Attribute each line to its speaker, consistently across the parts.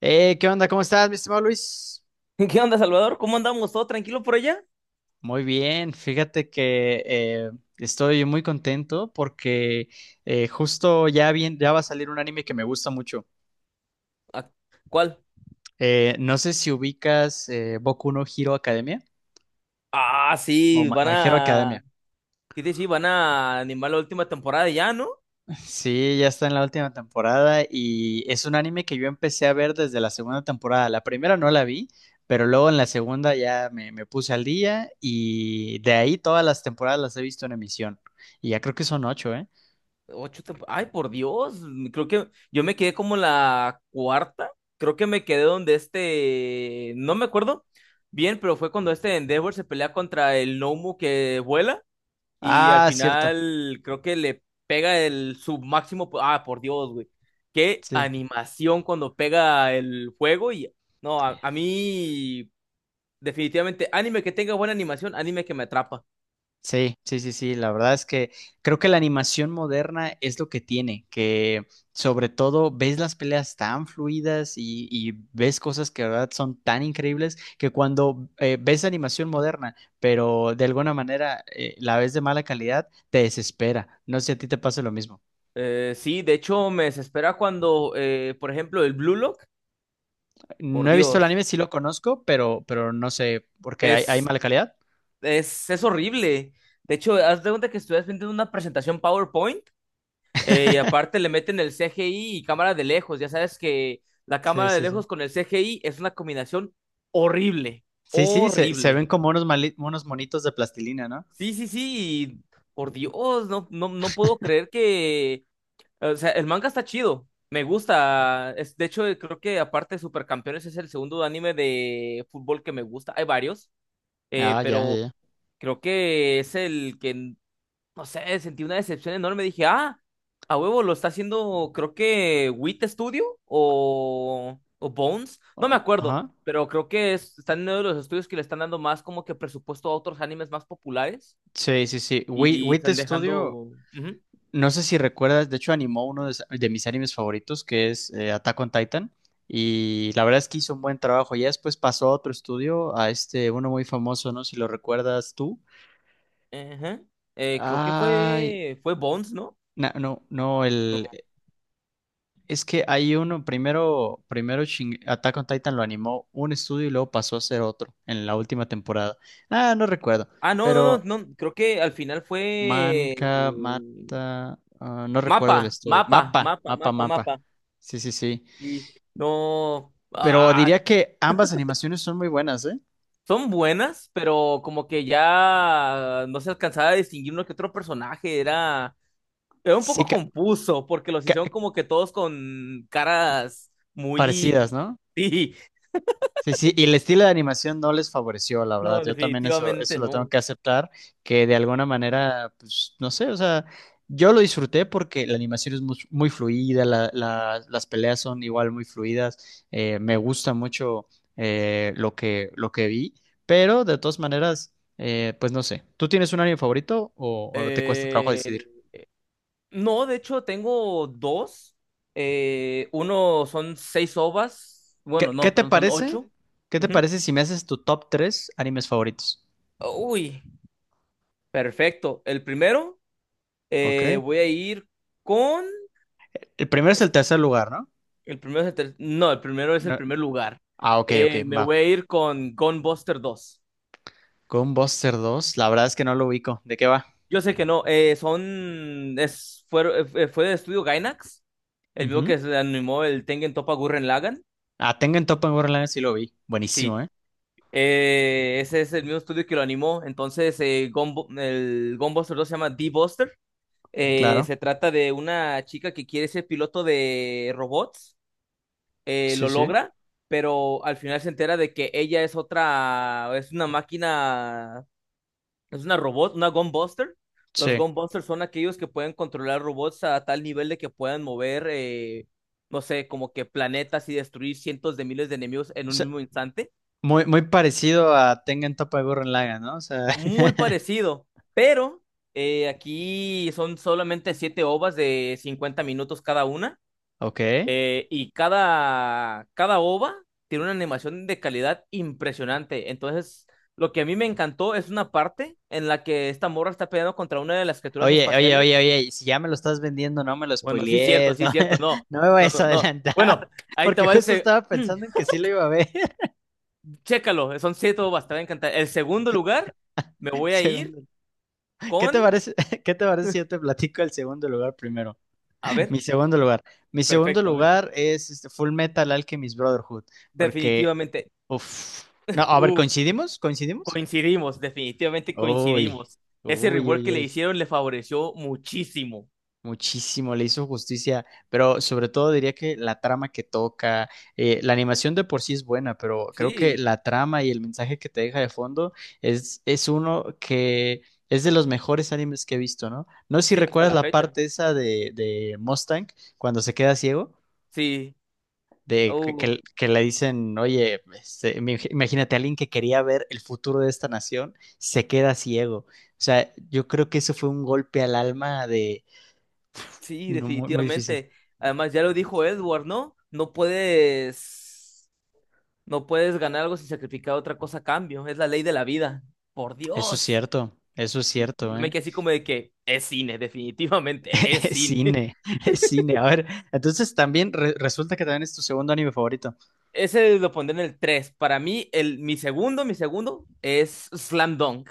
Speaker 1: ¿Qué onda? ¿Cómo estás, mi estimado Luis?
Speaker 2: ¿Qué onda, Salvador? ¿Cómo andamos? ¿Todo tranquilo por allá?
Speaker 1: Muy bien, fíjate que estoy muy contento porque justo ya, bien, ya va a salir un anime que me gusta mucho.
Speaker 2: Ah, ¿cuál?
Speaker 1: No sé si ubicas Boku no Hero Academia
Speaker 2: Ah,
Speaker 1: o
Speaker 2: sí,
Speaker 1: My
Speaker 2: van
Speaker 1: My Hero
Speaker 2: a...
Speaker 1: Academia.
Speaker 2: Sí, sí, sí, van a animar la última temporada ya, ¿no?
Speaker 1: Sí, ya está en la última temporada y es un anime que yo empecé a ver desde la segunda temporada. La primera no la vi, pero luego en la segunda ya me puse al día y de ahí todas las temporadas las he visto en emisión. Y ya creo que son ocho, ¿eh?
Speaker 2: Ay, por Dios. Creo que yo me quedé como la cuarta. Creo que me quedé donde no me acuerdo bien, pero fue cuando este Endeavor se pelea contra el Nomu que vuela. Y al
Speaker 1: Ah, cierto.
Speaker 2: final creo que le pega el su máximo. Ah, por Dios, güey. Qué
Speaker 1: Sí,
Speaker 2: animación cuando pega el fuego. Y no, a mí, definitivamente, anime que tenga buena animación, anime que me atrapa.
Speaker 1: sí, sí, sí, sí. La verdad es que creo que la animación moderna es lo que tiene, que sobre todo ves las peleas tan fluidas y ves cosas que de verdad son tan increíbles que cuando ves animación moderna, pero de alguna manera la ves de mala calidad, te desespera. No sé si a ti te pasa lo mismo.
Speaker 2: Sí, de hecho, me desespera cuando, por ejemplo, el Blue Lock, por
Speaker 1: No he visto el
Speaker 2: Dios,
Speaker 1: anime, sí lo conozco, pero no sé por qué hay
Speaker 2: es,
Speaker 1: mala calidad.
Speaker 2: es horrible. De hecho, haz de cuenta que estuvieras viendo una presentación PowerPoint. Y aparte le meten el CGI y cámara de lejos. Ya sabes que la
Speaker 1: Sí,
Speaker 2: cámara de
Speaker 1: sí, sí.
Speaker 2: lejos con el CGI es una combinación horrible,
Speaker 1: Sí, sí, se
Speaker 2: horrible.
Speaker 1: ven como unos, unos monitos de plastilina, ¿no?
Speaker 2: Sí, sí, sí. Y por Dios, no, no, no puedo creer que... O sea, el manga está chido. Me gusta. Es, de hecho, creo que aparte de Supercampeones es el segundo anime de fútbol que me gusta. Hay varios,
Speaker 1: Ah, ya, ya,
Speaker 2: pero
Speaker 1: ya.
Speaker 2: creo que es el que no sé, sentí una decepción enorme. Dije, ah, a huevo, lo está haciendo, creo que Wit Studio o Bones, no me
Speaker 1: Oh,
Speaker 2: acuerdo,
Speaker 1: ajá.
Speaker 2: pero creo que están en uno de los estudios que le están dando más como que presupuesto a otros animes más populares
Speaker 1: Sí, sí, sí.
Speaker 2: y
Speaker 1: Wit
Speaker 2: están
Speaker 1: Studio,
Speaker 2: dejando. Ujú,
Speaker 1: no sé si recuerdas, de hecho animó uno de mis animes favoritos, que es Attack on Titan. Y la verdad es que hizo un buen trabajo. Ya después pasó a otro estudio, a este, uno muy famoso, ¿no? Si lo recuerdas tú.
Speaker 2: ajá. Creo que
Speaker 1: Ay,
Speaker 2: fue Bones, ¿no?
Speaker 1: no, no, el... Es que hay uno, primero, primero Attack on Titan lo animó un estudio y luego pasó a ser otro en la última temporada. Ah, no recuerdo,
Speaker 2: Ah, no, no,
Speaker 1: pero...
Speaker 2: no, no, creo que al final fue
Speaker 1: Manca, Mata, ah, no
Speaker 2: mapa,
Speaker 1: recuerdo el estudio.
Speaker 2: mapa,
Speaker 1: Mapa,
Speaker 2: mapa,
Speaker 1: mapa,
Speaker 2: mapa,
Speaker 1: mapa.
Speaker 2: mapa.
Speaker 1: Sí, sí, sí.
Speaker 2: Y no,
Speaker 1: Pero
Speaker 2: ah,
Speaker 1: diría que ambas animaciones son muy buenas, ¿eh?
Speaker 2: son buenas, pero como que ya no se alcanzaba a distinguir uno que otro personaje. Era un
Speaker 1: Sí,
Speaker 2: poco confuso, porque los hicieron
Speaker 1: ca-
Speaker 2: como que todos con caras muy...
Speaker 1: parecidas, ¿no?
Speaker 2: Sí,
Speaker 1: Sí, sí, y el estilo de animación no les favoreció, la verdad.
Speaker 2: no,
Speaker 1: Yo también eso
Speaker 2: definitivamente
Speaker 1: lo tengo
Speaker 2: no.
Speaker 1: que aceptar, que de alguna manera, pues, no sé, o sea, yo lo disfruté porque la animación es muy, fluida, las peleas son igual muy fluidas, me gusta mucho lo que vi, pero de todas maneras, pues no sé. ¿Tú tienes un anime favorito o te cuesta trabajo
Speaker 2: Eh,
Speaker 1: decidir?
Speaker 2: no, de hecho tengo dos. Uno son seis ovas. Bueno,
Speaker 1: ¿Qué, qué
Speaker 2: no,
Speaker 1: te
Speaker 2: perdón, son
Speaker 1: parece?
Speaker 2: ocho.
Speaker 1: ¿Qué te
Speaker 2: Ujú.
Speaker 1: parece si me haces tu top 3 animes favoritos?
Speaker 2: Uy, perfecto. El primero,
Speaker 1: Ok.
Speaker 2: voy a ir con...
Speaker 1: El primero es el tercer lugar, ¿no?
Speaker 2: El primero es el ter- No, el primero es el
Speaker 1: No,
Speaker 2: primer lugar.
Speaker 1: ah, ok, ok,
Speaker 2: Me voy
Speaker 1: va.
Speaker 2: a ir con Gunbuster 2.
Speaker 1: Con Buster 2, la verdad es que no lo ubico. ¿De qué va?
Speaker 2: Yo sé que no, son. Fue del estudio Gainax, el mismo
Speaker 1: Ujú.
Speaker 2: que se animó el Tengen Toppa Gurren Lagann.
Speaker 1: Ah, Tengen Toppa en Borderlands sí lo vi.
Speaker 2: Sí,
Speaker 1: Buenísimo, ¿eh?
Speaker 2: ese es el mismo estudio que lo animó. Entonces, el Gunbuster 2 se llama D-Buster.
Speaker 1: Claro.
Speaker 2: Se trata de una chica que quiere ser piloto de robots.
Speaker 1: Sí,
Speaker 2: Lo
Speaker 1: sí.
Speaker 2: logra, pero al final se entera de que ella es otra, es una máquina. Es una robot, una Gunbuster. Los
Speaker 1: Sí.
Speaker 2: Gunbusters son aquellos que pueden controlar robots a tal nivel de que puedan mover, no sé, como que planetas y destruir cientos de miles de enemigos en
Speaker 1: O
Speaker 2: un
Speaker 1: sea,
Speaker 2: mismo instante.
Speaker 1: muy, muy parecido a Tengen Toppa en Borderlands, ¿no? O sea,
Speaker 2: Muy parecido, pero aquí son solamente siete ovas de 50 minutos cada una.
Speaker 1: ok.
Speaker 2: Y cada ova tiene una animación de calidad impresionante. Entonces, lo que a mí me encantó es una parte en la que esta morra está peleando contra una de las criaturas
Speaker 1: Oye, oye, oye,
Speaker 2: espaciales.
Speaker 1: oye, si ya me lo estás vendiendo, no me lo
Speaker 2: Bueno, sí, es cierto,
Speaker 1: spoilees,
Speaker 2: sí,
Speaker 1: no,
Speaker 2: es cierto. No,
Speaker 1: no me
Speaker 2: no,
Speaker 1: vayas
Speaker 2: no.
Speaker 1: a
Speaker 2: No.
Speaker 1: adelantar.
Speaker 2: Bueno, ahí te
Speaker 1: Porque
Speaker 2: va el.
Speaker 1: justo
Speaker 2: Se-
Speaker 1: estaba pensando en que sí lo iba a ver.
Speaker 2: Chécalo, son siete bobas, te va a encantar. El segundo lugar, me voy a ir
Speaker 1: Segundo. ¿Qué
Speaker 2: con...
Speaker 1: te parece, qué te parece si yo te platico el segundo lugar primero?
Speaker 2: A ver,
Speaker 1: Mi segundo lugar. Mi segundo
Speaker 2: perfecto. A ver,
Speaker 1: lugar es este Full Metal Alchemist Brotherhood, porque,
Speaker 2: definitivamente.
Speaker 1: uf. No, a ver,
Speaker 2: Uh,
Speaker 1: ¿coincidimos? ¿Coincidimos?
Speaker 2: Coincidimos, definitivamente
Speaker 1: Uy,
Speaker 2: coincidimos. Ese
Speaker 1: uy,
Speaker 2: rework que
Speaker 1: uy,
Speaker 2: le
Speaker 1: uy,
Speaker 2: hicieron le favoreció muchísimo.
Speaker 1: muchísimo, le hizo justicia, pero sobre todo diría que la trama que toca, la animación de por sí es buena, pero creo que
Speaker 2: Sí,
Speaker 1: la trama y el mensaje que te deja de fondo es uno que es de los mejores animes que he visto, ¿no? No sé si
Speaker 2: sí, hasta
Speaker 1: recuerdas
Speaker 2: la
Speaker 1: la
Speaker 2: fecha.
Speaker 1: parte esa de Mustang cuando se queda ciego.
Speaker 2: Sí.
Speaker 1: De que,
Speaker 2: uh.
Speaker 1: que le dicen, oye, este, imagínate, alguien que quería ver el futuro de esta nación se queda ciego. O sea, yo creo que eso fue un golpe al alma de...
Speaker 2: Sí,
Speaker 1: No, muy, muy difícil.
Speaker 2: definitivamente. Además, ya lo dijo Edward, ¿no? No puedes ganar algo sin sacrificar otra cosa a cambio. Es la ley de la vida. Por Dios.
Speaker 1: Eso es
Speaker 2: Y
Speaker 1: cierto,
Speaker 2: yo me
Speaker 1: ¿eh?
Speaker 2: quedé así como de que es cine, definitivamente, es
Speaker 1: Es
Speaker 2: cine.
Speaker 1: cine, es cine. A ver, entonces también resulta que también es tu segundo anime favorito.
Speaker 2: Ese lo pondré en el 3. Para mí, mi segundo es Slam Dunk.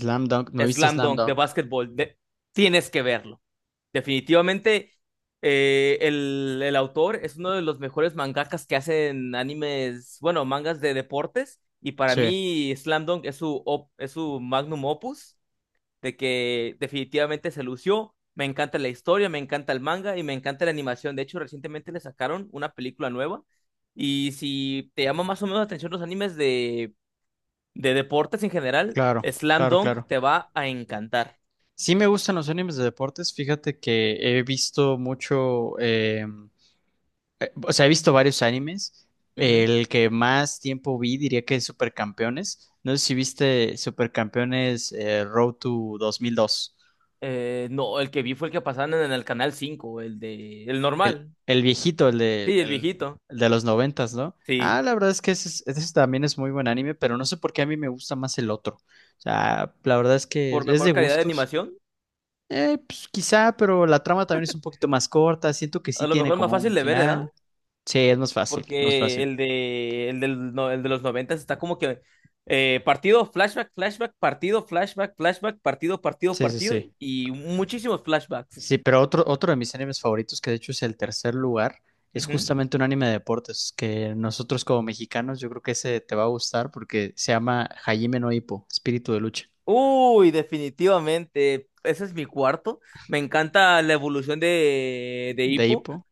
Speaker 1: Slam Dunk, no he visto
Speaker 2: Slam
Speaker 1: Slam
Speaker 2: Dunk de
Speaker 1: Dunk.
Speaker 2: básquetbol. Tienes que verlo. Definitivamente, el autor es uno de los mejores mangakas que hacen animes, bueno, mangas de deportes. Y para
Speaker 1: Sí,
Speaker 2: mí, Slam Dunk es es su magnum opus, de que definitivamente se lució. Me encanta la historia, me encanta el manga y me encanta la animación. De hecho, recientemente le sacaron una película nueva. Y si te llama más o menos la atención los animes de deportes en general,
Speaker 1: claro,
Speaker 2: Slam
Speaker 1: claro,
Speaker 2: Dunk
Speaker 1: claro.
Speaker 2: te va a encantar.
Speaker 1: Sí me gustan los animes de deportes, fíjate que he visto mucho, O sea, he visto varios animes. El que más tiempo vi diría que es Supercampeones. No sé si viste Supercampeones Road to 2002.
Speaker 2: No, el que vi fue el que pasaban en el canal cinco, el de el
Speaker 1: El,
Speaker 2: normal.
Speaker 1: el viejito,
Speaker 2: Sí, el viejito.
Speaker 1: el de los noventas, ¿no?
Speaker 2: Sí,
Speaker 1: Ah, la verdad es que ese, ese también es muy buen anime, pero no sé por qué a mí me gusta más el otro. O sea, la verdad es que
Speaker 2: por
Speaker 1: es de
Speaker 2: mejor calidad de
Speaker 1: gustos.
Speaker 2: animación.
Speaker 1: Pues quizá, pero la trama también es un poquito más corta. Siento que sí
Speaker 2: A lo
Speaker 1: tiene
Speaker 2: mejor es más
Speaker 1: como
Speaker 2: fácil
Speaker 1: un
Speaker 2: de ver, ¿verdad?
Speaker 1: final. Sí, es más fácil, más
Speaker 2: Porque
Speaker 1: fácil.
Speaker 2: el de el del no- el de los noventas está como que partido, flashback, flashback, partido, flashback, flashback, partido, partido,
Speaker 1: Sí, sí,
Speaker 2: partido
Speaker 1: sí.
Speaker 2: y muchísimos flashbacks.
Speaker 1: Sí, pero otro, otro de mis animes favoritos, que de hecho es el tercer lugar, es
Speaker 2: Ujú.
Speaker 1: justamente un anime de deportes, que nosotros como mexicanos yo creo que ese te va a gustar porque se llama Hajime no Ippo, Espíritu de lucha,
Speaker 2: Uy, definitivamente. Ese es mi cuarto. Me encanta la evolución de
Speaker 1: de
Speaker 2: Hippo.
Speaker 1: Ippo.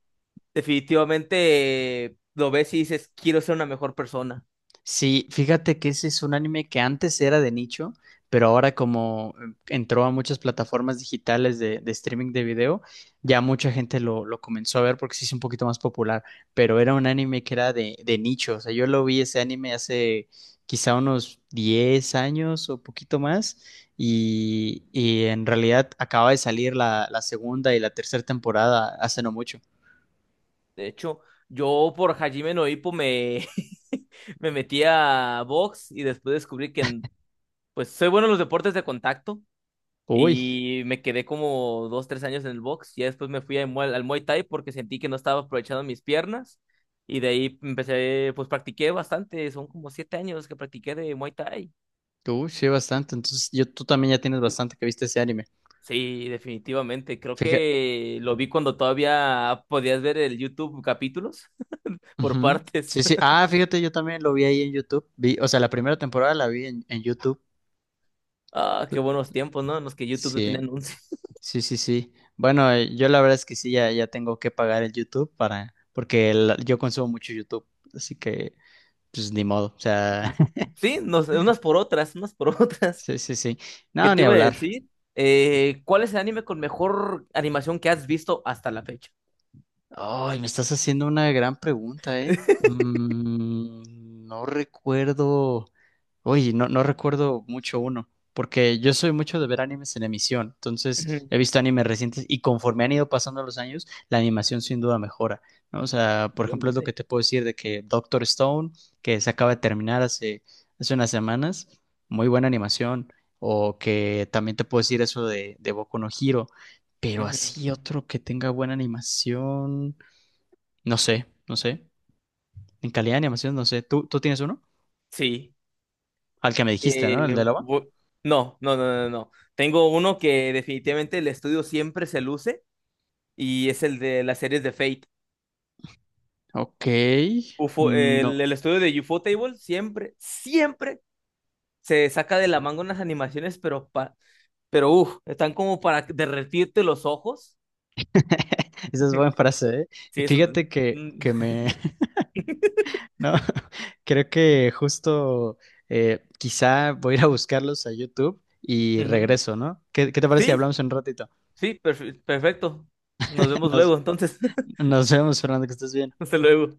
Speaker 2: Definitivamente lo ves y dices, quiero ser una mejor persona.
Speaker 1: Sí, fíjate que ese es un anime que antes era de nicho, pero ahora como entró a muchas plataformas digitales de streaming de video, ya mucha gente lo comenzó a ver porque se hizo un poquito más popular, pero era un anime que era de nicho, o sea, yo lo vi ese anime hace quizá unos 10 años o poquito más y en realidad acaba de salir la, la segunda y la tercera temporada hace no mucho.
Speaker 2: De hecho, yo por Hajime no Ippo me, me metí a box y después descubrí que pues soy bueno en los deportes de contacto
Speaker 1: Uy,
Speaker 2: y me quedé como 2, 3 años en el box. Y después me fui a al Muay Thai porque sentí que no estaba aprovechando mis piernas y de ahí empecé, pues practiqué bastante, son como 7 años que practiqué de Muay Thai.
Speaker 1: tú sí, bastante, entonces yo, tú también ya tienes bastante que viste ese anime.
Speaker 2: Sí, definitivamente. Creo
Speaker 1: Fíjate.
Speaker 2: que lo vi cuando todavía podías ver el YouTube capítulos por
Speaker 1: Ujú.
Speaker 2: partes.
Speaker 1: Sí, sí. Ah, fíjate, yo también lo vi ahí en YouTube. Vi, o sea, la primera temporada la vi en YouTube.
Speaker 2: Ah, qué buenos tiempos, ¿no? En los que YouTube no tenía
Speaker 1: Sí,
Speaker 2: anuncios.
Speaker 1: sí, sí, sí. Bueno, yo la verdad es que sí, ya, ya tengo que pagar el YouTube para, porque yo consumo mucho YouTube, así que, pues ni modo. O sea,
Speaker 2: Sí, unas por otras, unas por otras.
Speaker 1: sí, sí, sí.
Speaker 2: ¿Qué
Speaker 1: No, ni
Speaker 2: te iba a
Speaker 1: hablar.
Speaker 2: decir? ¿Cuál es el anime con mejor animación que has visto hasta la fecha?
Speaker 1: Ay, me estás haciendo una gran pregunta, ¿eh? Mm, no recuerdo. Oye, no, no recuerdo mucho uno, porque yo soy mucho de ver animes en emisión, entonces
Speaker 2: Ujú,
Speaker 1: he visto animes recientes y conforme han ido pasando los años, la animación sin duda mejora, ¿no? O sea, por ejemplo, es lo que
Speaker 2: efectivamente.
Speaker 1: te puedo decir de que Doctor Stone, que se acaba de terminar hace, hace unas semanas, muy buena animación, o que también te puedo decir eso de Boku no Hero, pero
Speaker 2: Ujú.
Speaker 1: así otro que tenga buena animación. No sé, no sé. En calidad de animación, no sé. ¿Tú, tú tienes uno?
Speaker 2: Sí.
Speaker 1: Al que me dijiste, ¿no? El
Speaker 2: Eh,
Speaker 1: de lava.
Speaker 2: bu- no, no, no, no, no. Tengo uno que definitivamente el estudio siempre se luce y es el de las series de Fate.
Speaker 1: Ok.
Speaker 2: UFO, el,
Speaker 1: No.
Speaker 2: el estudio de UFO Table siempre, siempre se saca de la manga unas animaciones, pero, pero uff, están como para derretirte los ojos.
Speaker 1: Esa es buena frase, ¿eh? Y
Speaker 2: Sí,
Speaker 1: fíjate que me... No, creo que justo quizá voy a ir a buscarlos a YouTube y
Speaker 2: ujú.
Speaker 1: regreso, ¿no? ¿Qué, qué te parece si
Speaker 2: Sí,
Speaker 1: hablamos en un ratito?
Speaker 2: sí, perfecto. Nos vemos
Speaker 1: Nos,
Speaker 2: luego, entonces.
Speaker 1: nos vemos, Fernando, que estés bien.
Speaker 2: Hasta luego.